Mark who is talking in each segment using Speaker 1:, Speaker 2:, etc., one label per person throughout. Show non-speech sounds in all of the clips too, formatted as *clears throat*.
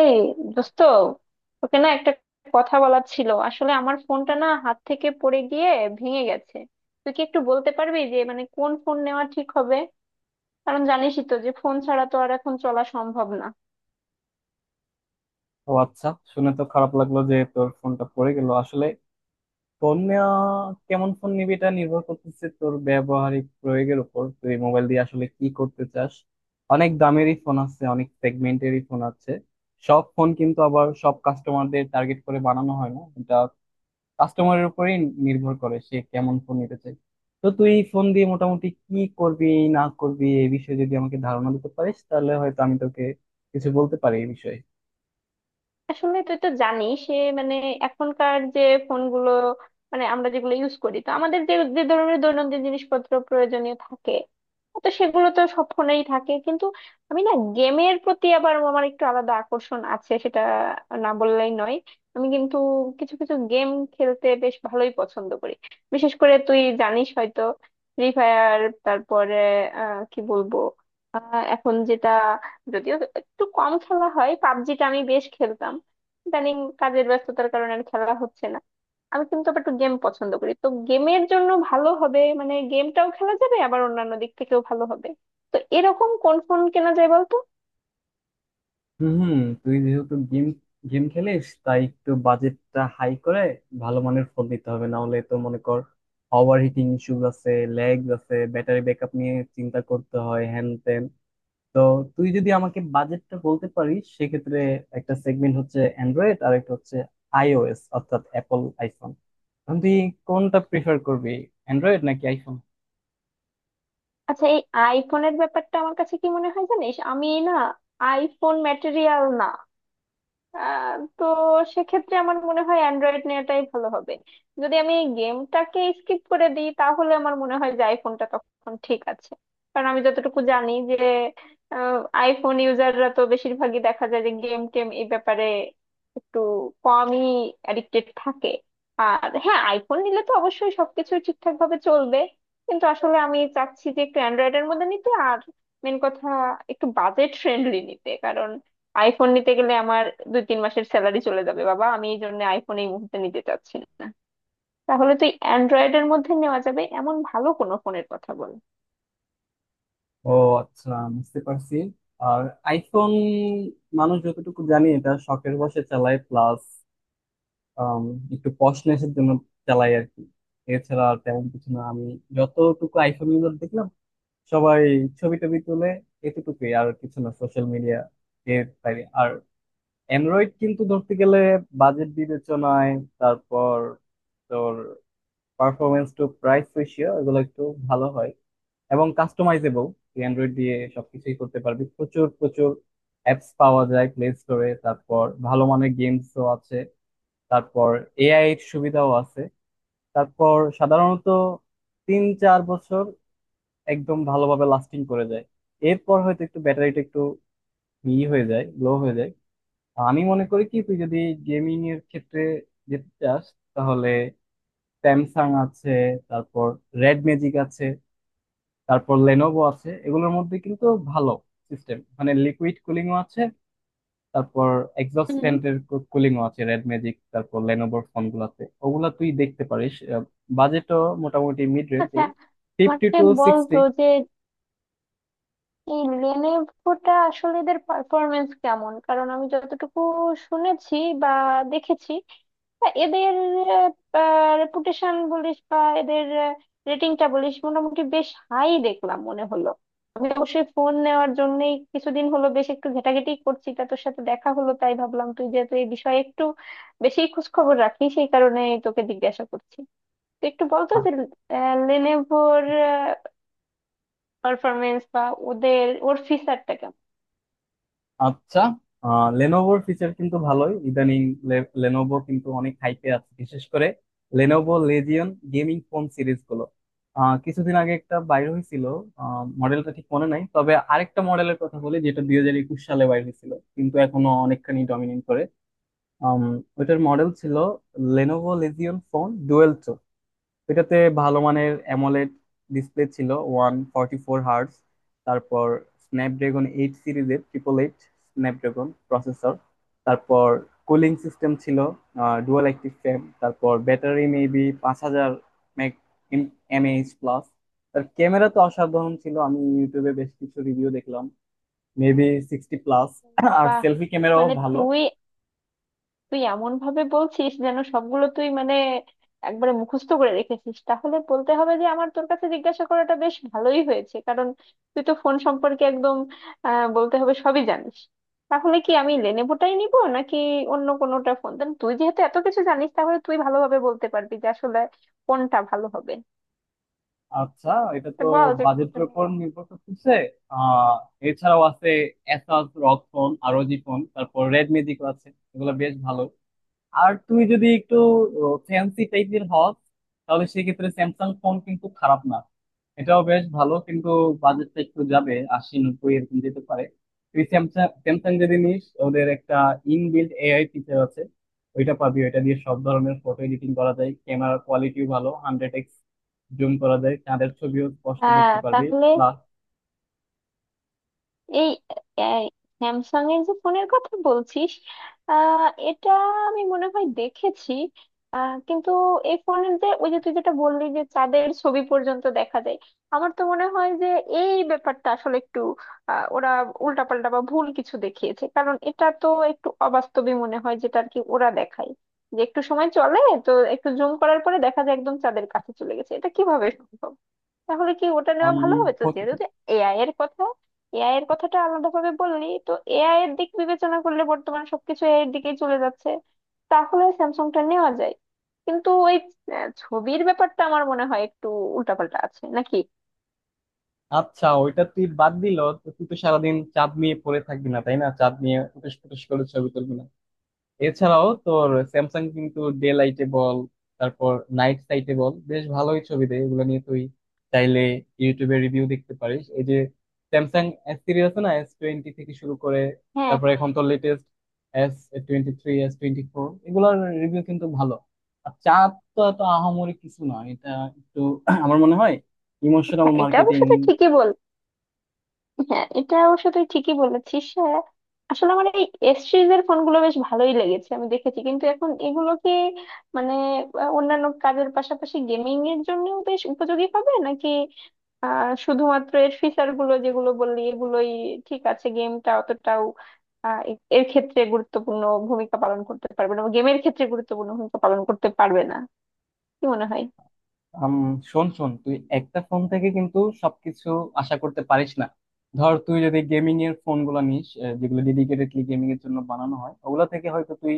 Speaker 1: এই দোস্ত, তোকে না একটা কথা বলার ছিল। আসলে আমার ফোনটা না হাত থেকে পড়ে গিয়ে ভেঙে গেছে। তুই কি একটু বলতে পারবি যে মানে কোন ফোন নেওয়া ঠিক হবে? কারণ জানিসই তো যে ফোন ছাড়া তো আর এখন চলা সম্ভব না।
Speaker 2: ও আচ্ছা। শুনে তো খারাপ লাগলো যে তোর ফোনটা পড়ে গেল। আসলে ফোন নেওয়া, কেমন ফোন নিবি এটা নির্ভর করতেছে তোর ব্যবহারিক প্রয়োগের উপর। তুই মোবাইল দিয়ে আসলে কি করতে চাস? অনেক দামেরই ফোন আছে, অনেক সেগমেন্টেরই ফোন আছে। সব ফোন কিন্তু আবার সব কাস্টমারদের টার্গেট করে বানানো হয় না, এটা কাস্টমারের উপরেই নির্ভর করে সে কেমন ফোন নিতে চায়। তো তুই ফোন দিয়ে মোটামুটি কি করবি না করবি এই বিষয়ে যদি আমাকে ধারণা দিতে পারিস তাহলে হয়তো আমি তোকে কিছু বলতে পারি এই বিষয়ে।
Speaker 1: আসলে তুই তো জানিস সে মানে এখনকার যে ফোনগুলো মানে আমরা যেগুলো ইউজ করি, তো আমাদের যে যে ধরনের দৈনন্দিন জিনিসপত্র প্রয়োজনীয় থাকে, তো সেগুলো তো সব ফোনেই থাকে। কিন্তু আমি না গেমের প্রতি আবার আমার একটু আলাদা আকর্ষণ আছে, সেটা না বললেই নয়। আমি কিন্তু কিছু কিছু গেম খেলতে বেশ ভালোই পছন্দ করি। বিশেষ করে তুই জানিস হয়তো ফ্রি ফায়ার, তারপরে কি বলবো, এখন যেটা যদিও একটু কম খেলা হয়, পাবজিটা আমি বেশ খেলতাম। ইদানিং কাজের ব্যস্ততার কারণে আর খেলা হচ্ছে না। আমি কিন্তু আবার একটু গেম পছন্দ করি, তো গেমের জন্য ভালো হবে মানে গেমটাও খেলা যাবে আবার অন্যান্য দিক থেকেও ভালো হবে। তো এরকম কোন ফোন কেনা যায় বলতো?
Speaker 2: হুম। তুই যেহেতু গেম গেম খেলিস তাই একটু বাজেটটা হাই করে ভালো মানের ফোন দিতে হবে, না হলে তো মনে কর ওভার হিটিং ইস্যুস আছে, ল্যাগ আছে, ব্যাটারি ব্যাকআপ নিয়ে চিন্তা করতে হয় হ্যান ত্যান। তো তুই যদি আমাকে বাজেটটা বলতে পারিস সেক্ষেত্রে একটা সেগমেন্ট হচ্ছে অ্যান্ড্রয়েড আর একটা হচ্ছে আইওএস, অর্থাৎ অ্যাপল আইফোন। এখন তুই কোনটা প্রিফার করবি, অ্যান্ড্রয়েড নাকি আইফোন?
Speaker 1: আচ্ছা, এই আইফোনের ব্যাপারটা আমার কাছে কি মনে হয় জানিস, আমি না আইফোন ম্যাটেরিয়াল না। আহ, তো সেক্ষেত্রে আমার মনে হয় অ্যান্ড্রয়েড নেওয়াটাই ভালো হবে। যদি আমি এই গেমটাকে স্কিপ করে দিই তাহলে আমার মনে হয় যে আইফোনটা তখন ঠিক আছে। কারণ আমি যতটুকু জানি যে আইফোন ইউজাররা তো বেশিরভাগই দেখা যায় যে গেম টেম এই ব্যাপারে একটু কমই অ্যাডিক্টেড থাকে। আর হ্যাঁ, আইফোন নিলে তো অবশ্যই সবকিছু ঠিকঠাক ভাবে চলবে। কিন্তু আসলে আমি চাচ্ছি যে একটু অ্যান্ড্রয়েডের মধ্যে নিতে, আর মেন কথা একটু বাজেট ফ্রেন্ডলি নিতে। কারণ আইফোন নিতে গেলে আমার 2-3 মাসের স্যালারি চলে যাবে বাবা। আমি এই জন্য আইফোন এই মুহূর্তে নিতে চাচ্ছি না। তাহলে তুই অ্যান্ড্রয়েডের মধ্যে নেওয়া যাবে এমন ভালো কোনো ফোনের কথা বল।
Speaker 2: ও আচ্ছা, বুঝতে পারছি। আর আইফোন মানুষ যতটুকু জানি এটা শখের বশে চালায়, প্লাস একটু পশনেসের জন্য চালায় আর কি। এছাড়া আর তেমন কিছু না, আমি যতটুকু আইফোন ইউজার দেখলাম সবাই ছবি টবি তুলে এতটুকুই, আর কিছু না সোশ্যাল মিডিয়া এর বাইরে আর। অ্যান্ড্রয়েড কিন্তু ধরতে গেলে বাজেট বিবেচনায়, তারপর তোর পারফরমেন্স টু প্রাইস রেশিও এগুলো একটু ভালো হয় এবং কাস্টমাইজেবল। তুই অ্যান্ড্রয়েড দিয়ে সবকিছুই করতে পারবি, প্রচুর প্রচুর অ্যাপস পাওয়া যায় প্লে স্টোরে, তারপর ভালো মানের গেমসও আছে, তারপর এআই এর সুবিধাও আছে। তারপর সাধারণত তিন চার বছর একদম ভালোভাবে লাস্টিং করে যায়। এরপর হয়তো একটু ব্যাটারিটা একটু ই হয়ে যায়, লো হয়ে যায়। আমি মনে করি কি তুই যদি গেমিং এর ক্ষেত্রে যেতে চাস তাহলে স্যামসাং আছে, তারপর রেড ম্যাজিক আছে, তারপর লেনোভো আছে। এগুলোর মধ্যে কিন্তু ভালো সিস্টেম, মানে লিকুইড কুলিংও আছে, তারপর এক্সস্ট
Speaker 1: হুম।
Speaker 2: ফ্যানের কুলিংও আছে রেড ম্যাজিক তারপর লেনোভোর ফোন গুলাতে, ওগুলা তুই দেখতে পারিস। বাজেটও মোটামুটি মিড রেঞ্জ,
Speaker 1: আচ্ছা,
Speaker 2: এই ফিফটি
Speaker 1: আমাকে
Speaker 2: টু
Speaker 1: বল
Speaker 2: সিক্সটি।
Speaker 1: তো যে এই লেনেভোটা আসলে এদের পারফরমেন্স কেমন? কারণ আমি যতটুকু শুনেছি বা দেখেছি, তা এদের রেপুটেশন বলিস বা এদের রেটিংটা বলিস, মোটামুটি বেশ হাই দেখলাম মনে হলো। আমি অবশ্যই ফোন নেওয়ার জন্যই কিছুদিন হলো বেশ একটু ঘেটাঘেটি করছি, তা তোর সাথে দেখা হলো তাই ভাবলাম তুই যেহেতু এই বিষয়ে একটু বেশি খোঁজ খবর রাখিস সেই কারণে তোকে জিজ্ঞাসা করছি। তুই একটু বলতো যে লেনেভোর পারফরমেন্স বা ওদের ওর ফিচারটা।
Speaker 2: আচ্ছা, লেনোভোর ফিচার কিন্তু ভালোই ইদানিং। লেনোভো কিন্তু অনেক হাইপে আছে, বিশেষ করে Lenovo Legion gaming phone series গুলো। কিছুদিন আগে একটা বাইর হয়েছিল, মডেলটা ঠিক মনে নাই, তবে আরেকটা মডেলের কথা বলি যেটা 2021 সালে বাইর হয়েছিল কিন্তু এখনো অনেকখানি ডমিনেট করে। আম, ওইটার মডেল ছিল লেনোভো লেজিয়ন ফোন ডুয়েল। এটাতে ভালো মানের অ্যামোলেড ডিসপ্লে ছিল 144 হার্টস, তারপর স্ন্যাপড্রাগন এইট সিরিজের 888 স্ন্যাপড্রাগন প্রসেসর, তারপর কুলিং সিস্টেম ছিল ডুয়াল অ্যাক্টিভ ফ্যান, তারপর battery maybe 5000 meg mAh plus. তার ক্যামেরা তো অসাধারণ ছিল, আমি ইউটিউবে বেশ কিছু রিভিউ দেখলাম, মেবি সিক্সটি প্লাস, আর
Speaker 1: বাহ!
Speaker 2: সেলফি ক্যামেরাও
Speaker 1: মানে
Speaker 2: ভালো।
Speaker 1: তুই তুই এমন ভাবে বলছিস যেন সবগুলো তুই মানে একবারে মুখস্থ করে রেখেছিস। তাহলে বলতে হবে যে আমার তোর কাছে জিজ্ঞাসা করাটা বেশ ভালোই হয়েছে। কারণ তুই তো ফোন সম্পর্কে একদম বলতে হবে সবই জানিস। তাহলে কি আমি লেনেভোটাই নিব নাকি অন্য কোনোটা ফোন দেন? তুই যেহেতু এত কিছু জানিস তাহলে তুই ভালোভাবে বলতে পারবি যে আসলে কোনটা ভালো হবে।
Speaker 2: আচ্ছা, এটা
Speaker 1: তো
Speaker 2: তো
Speaker 1: বল যে কোনটা
Speaker 2: বাজেটের
Speaker 1: নিয়ে-
Speaker 2: উপর নির্ভর করতেছে। আহ এছাড়াও আছে এসাস রগ ফোন, আরো জি ফোন, তারপর রেডমি দিকেও আছে, এগুলো বেশ ভালো। আর তুমি যদি একটু ফ্যান্সি টাইপের হও, তাহলে সেক্ষেত্রে স্যামসাং ফোন কিন্তু খারাপ না, এটাও বেশ ভালো। কিন্তু বাজেটটা একটু যাবে, আশি নব্বই এরকম যেতে পারে। তুই স্যামসাং স্যামসাং যদি নিস ওদের একটা ইনবিল্ট এআই ফিচার আছে, ওইটা পাবি। ওইটা দিয়ে সব ধরনের ফটো এডিটিং করা যায়, ক্যামেরা কোয়ালিটিও ভালো, 100x জুম করা যায়, চাঁদের ছবিও স্পষ্ট
Speaker 1: হ্যাঁ,
Speaker 2: দেখতে পারবি
Speaker 1: তাহলে
Speaker 2: প্লাস
Speaker 1: এই স্যামসাং এর যে ফোনের কথা বলছিস আহ এটা আমি মনে হয় দেখেছি। কিন্তু এই ফোনের যে ওই যে তুই যেটা বললি যে চাঁদের ছবি পর্যন্ত দেখা যায়, আমার তো মনে হয় যে এই ব্যাপারটা আসলে একটু ওরা উল্টাপাল্টা বা ভুল কিছু দেখিয়েছে। কারণ এটা তো একটু অবাস্তবই মনে হয় যেটা আর কি ওরা দেখায়, যে একটু সময় চলে, তো একটু জুম করার পরে দেখা যায় একদম চাঁদের কাছে চলে গেছে। এটা কিভাবে সম্ভব? তাহলে কি ওটা নেওয়া
Speaker 2: আম,
Speaker 1: ভালো হবে? তো যেহেতু
Speaker 2: হত-
Speaker 1: এআই এর কথা, এআই এর কথাটা আলাদা ভাবে বললি, তো এআই এর দিক বিবেচনা করলে বর্তমানে সবকিছু এআই এর দিকেই চলে যাচ্ছে। তাহলে স্যামসাংটা নেওয়া যায়। কিন্তু ওই ছবির ব্যাপারটা আমার মনে হয় একটু উল্টাপাল্টা আছে নাকি।
Speaker 2: আচ্ছা ওইটা তুই বাদ দিল। তুই তো সারাদিন চাঁদ নিয়ে পড়ে থাকবি না তাই না, চাঁদ নিয়ে ফুটেস ফুটেস করে ছবি তুলবি না। এছাড়াও তোর স্যামসাং কিন্তু ডে লাইটে বল তারপর নাইট সাইটে বল বেশ ভালোই ছবি দেয়। এগুলো নিয়ে তুই চাইলে ইউটিউবে রিভিউ দেখতে পারিস। এই যে স্যামসাং এস সিরিজ আছে না, S20 থেকে শুরু করে
Speaker 1: হ্যাঁ,
Speaker 2: তারপর
Speaker 1: হ্যাঁ।
Speaker 2: এখন তো লেটেস্ট S23, S24, এগুলোর রিভিউ কিন্তু ভালো। আর চাঁদ তো এত আহামরি কিছু না, এটা একটু *clears throat* আমার মনে হয় ইমোশনাল
Speaker 1: হ্যাঁ, এটা অবশ্য
Speaker 2: মার্কেটিং।
Speaker 1: তুই ঠিকই বল। হ্যাঁ, এটা অবশ্য তুই ঠিকই বলেছিস, হ্যাঁ। আসলে আমার এই এস সিরিজের ফোনগুলো বেশ ভালোই লেগেছে, আমি দেখেছি। কিন্তু এখন এগুলোকে মানে অন্যান্য কাজের পাশাপাশি গেমিং এর জন্য বেশ উপযোগী হবে নাকি? শুধুমাত্র এর ফিচার গুলো যেগুলো বললি এগুলোই ঠিক আছে? গেমটা অতটাও এর ক্ষেত্রে গুরুত্বপূর্ণ ভূমিকা পালন করতে পারবে না, গেমের ক্ষেত্রে গুরুত্বপূর্ণ ভূমিকা পালন করতে পারবে না? কি মনে হয়?
Speaker 2: আম, শোন শোন, তুই একটা ফোন থেকে কিন্তু সবকিছু আশা করতে পারিস না। ধর তুই যদি গেমিং এর ফোন গুলা নিস, যেগুলো ডেডিকেটেডলি গেমিং এর জন্য বানানো হয় ওগুলা থেকে হয়তো তুই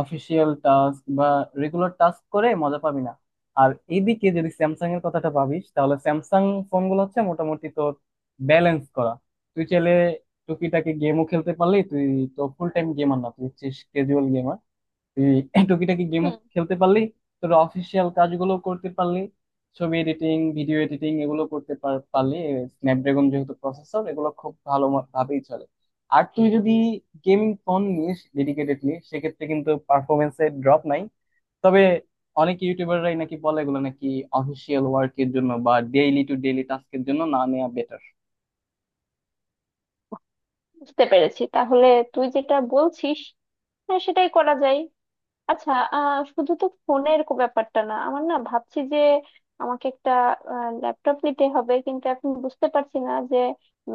Speaker 2: অফিসিয়াল টাস্ক বা রেগুলার টাস্ক করে মজা পাবি না। আর এইদিকে যদি স্যামসাং এর কথাটা ভাবিস তাহলে স্যামসাং ফোন গুলো হচ্ছে মোটামুটি তোর ব্যালেন্স করা। তুই চাইলে টুকিটাকি গেমও খেলতে পারলি, তুই তো ফুল টাইম গেমার না, তুই হচ্ছে ক্যাজুয়াল গেমার। এই *laughs* টুকিটাকি গেমও
Speaker 1: হুম।
Speaker 2: খেলতে পারলি, তোর অফিসিয়াল কাজগুলো করতে পারলি, ছবি এডিটিং ভিডিও এডিটিং এগুলো করতে পারলি। স্ন্যাপড্রাগন যেহেতু প্রসেসর এগুলো খুব ভালো ভাবেই চলে। আর তুই যদি গেমিং ফোন নিস ডেডিকেটেডলি সেক্ষেত্রে কিন্তু পারফরমেন্সে ড্রপ নাই। তবে অনেক ইউটিউবাররাই নাকি বলে এগুলো নাকি অফিসিয়াল ওয়ার্কের জন্য বা ডেইলি টু ডেইলি টাস্কের জন্য না নেওয়া বেটার।
Speaker 1: বুঝতে পেরেছি তাহলে তুই যেটা বলছিস। হ্যাঁ, সেটাই করা যায়। আচ্ছা, আহ শুধু তো ফোনের ব্যাপারটা না, আমার না ভাবছি যে আমাকে একটা ল্যাপটপ নিতে হবে। কিন্তু এখন বুঝতে পারছি না যে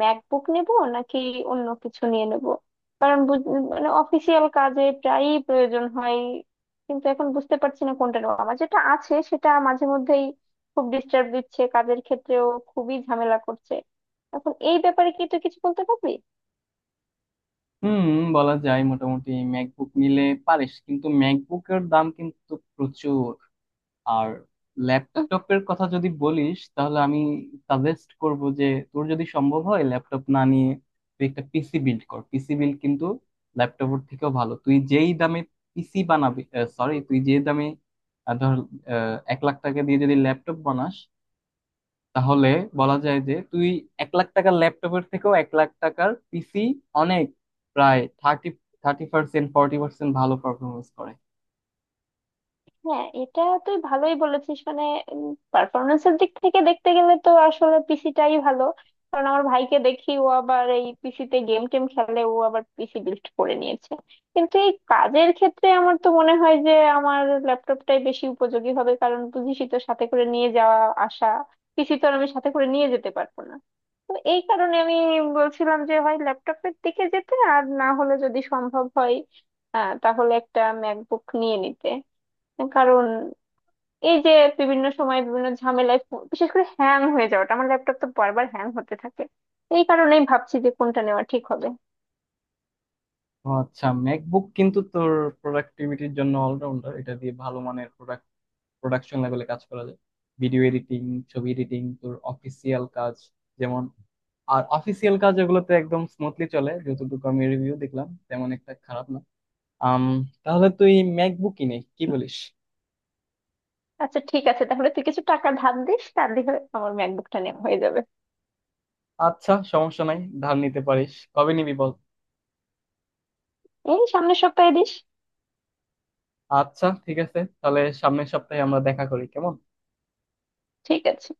Speaker 1: ম্যাকবুক নেব নাকি অন্য কিছু নিয়ে নেব। কারণ মানে অফিসিয়াল কাজে প্রায়ই প্রয়োজন হয়। কিন্তু এখন বুঝতে পারছি না কোনটা নেব। আমার যেটা আছে সেটা মাঝে মধ্যেই খুব ডিস্টার্ব দিচ্ছে কাজের ক্ষেত্রেও, খুবই ঝামেলা করছে। এখন এই ব্যাপারে কি তুই কিছু বলতে পারবি?
Speaker 2: হুম, বলা যায়। মোটামুটি ম্যাকবুক নিলে পারিস, কিন্তু ম্যাকবুকের দাম কিন্তু প্রচুর। আর ল্যাপটপের কথা যদি বলিস তাহলে আমি সাজেস্ট করব যে তোর যদি সম্ভব হয় ল্যাপটপ না নিয়ে তুই একটা পিসি বিল্ড কর। পিসি বিল্ড কিন্তু ল্যাপটপের থেকেও ভালো। তুই যেই দামে পিসি বানাবি, সরি তুই যে দামে, ধর 1,00,000 টাকা দিয়ে যদি ল্যাপটপ বানাস তাহলে বলা যায় যে তুই 1,00,000 টাকার ল্যাপটপের থেকেও 1,00,000 টাকার পিসি অনেক, প্রায় থার্টি 30% 40% ভালো পারফরমেন্স করে।
Speaker 1: হ্যাঁ, এটা তুই ভালোই বলেছিস। মানে পারফরমেন্সের দিক থেকে দেখতে গেলে তো আসলে পিসিটাই ভালো। কারণ আমার ভাইকে দেখি ও আবার এই পিসিতে গেম টেম খেলে, ও আবার পিসি বিল্ড করে নিয়েছে। কিন্তু এই কাজের ক্ষেত্রে আমার তো মনে হয় যে আমার ল্যাপটপটাই বেশি উপযোগী হবে। কারণ বুঝিসই তো সাথে করে নিয়ে যাওয়া আসা, পিসি তো আর আমি সাথে করে নিয়ে যেতে পারবো না। তো এই কারণে আমি বলছিলাম যে হয় ল্যাপটপের দিকে যেতে, আর না হলে যদি সম্ভব হয় তাহলে একটা ম্যাকবুক নিয়ে নিতে। কারণ এই যে বিভিন্ন সময় বিভিন্ন ঝামেলায় বিশেষ করে হ্যাং হয়ে যাওয়াটা, আমার ল্যাপটপ তো বারবার হ্যাং হতে থাকে। এই কারণেই ভাবছি যে কোনটা নেওয়া ঠিক হবে।
Speaker 2: ও আচ্ছা, ম্যাকবুক কিন্তু তোর প্রোডাক্টিভিটির জন্য অলরাউন্ডার। এটা দিয়ে ভালো মানের প্রোডাকশন লেভেলে কাজ করা যায়, ভিডিও এডিটিং, ছবি এডিটিং, তোর অফিসিয়াল কাজ, যেমন আর অফিসিয়াল কাজ, এগুলোতে একদম স্মুথলি চলে। যতটুকু আমি রিভিউ দেখলাম তেমন একটা খারাপ না। আম তাহলে তুই ম্যাকবুক কিনে কি বলিস?
Speaker 1: আচ্ছা ঠিক আছে, তাহলে তুই কিছু টাকা ধার দিস, তার দিয়ে আমার ম্যাকবুকটা নেওয়া হয়ে যাবে।
Speaker 2: আচ্ছা সমস্যা নাই, ধার নিতে পারিস, কবে নিবি বল?
Speaker 1: এই সামনের সপ্তাহে দিস।
Speaker 2: আচ্ছা ঠিক আছে, তাহলে সামনের সপ্তাহে আমরা দেখা করি কেমন।
Speaker 1: ঠিক আছে।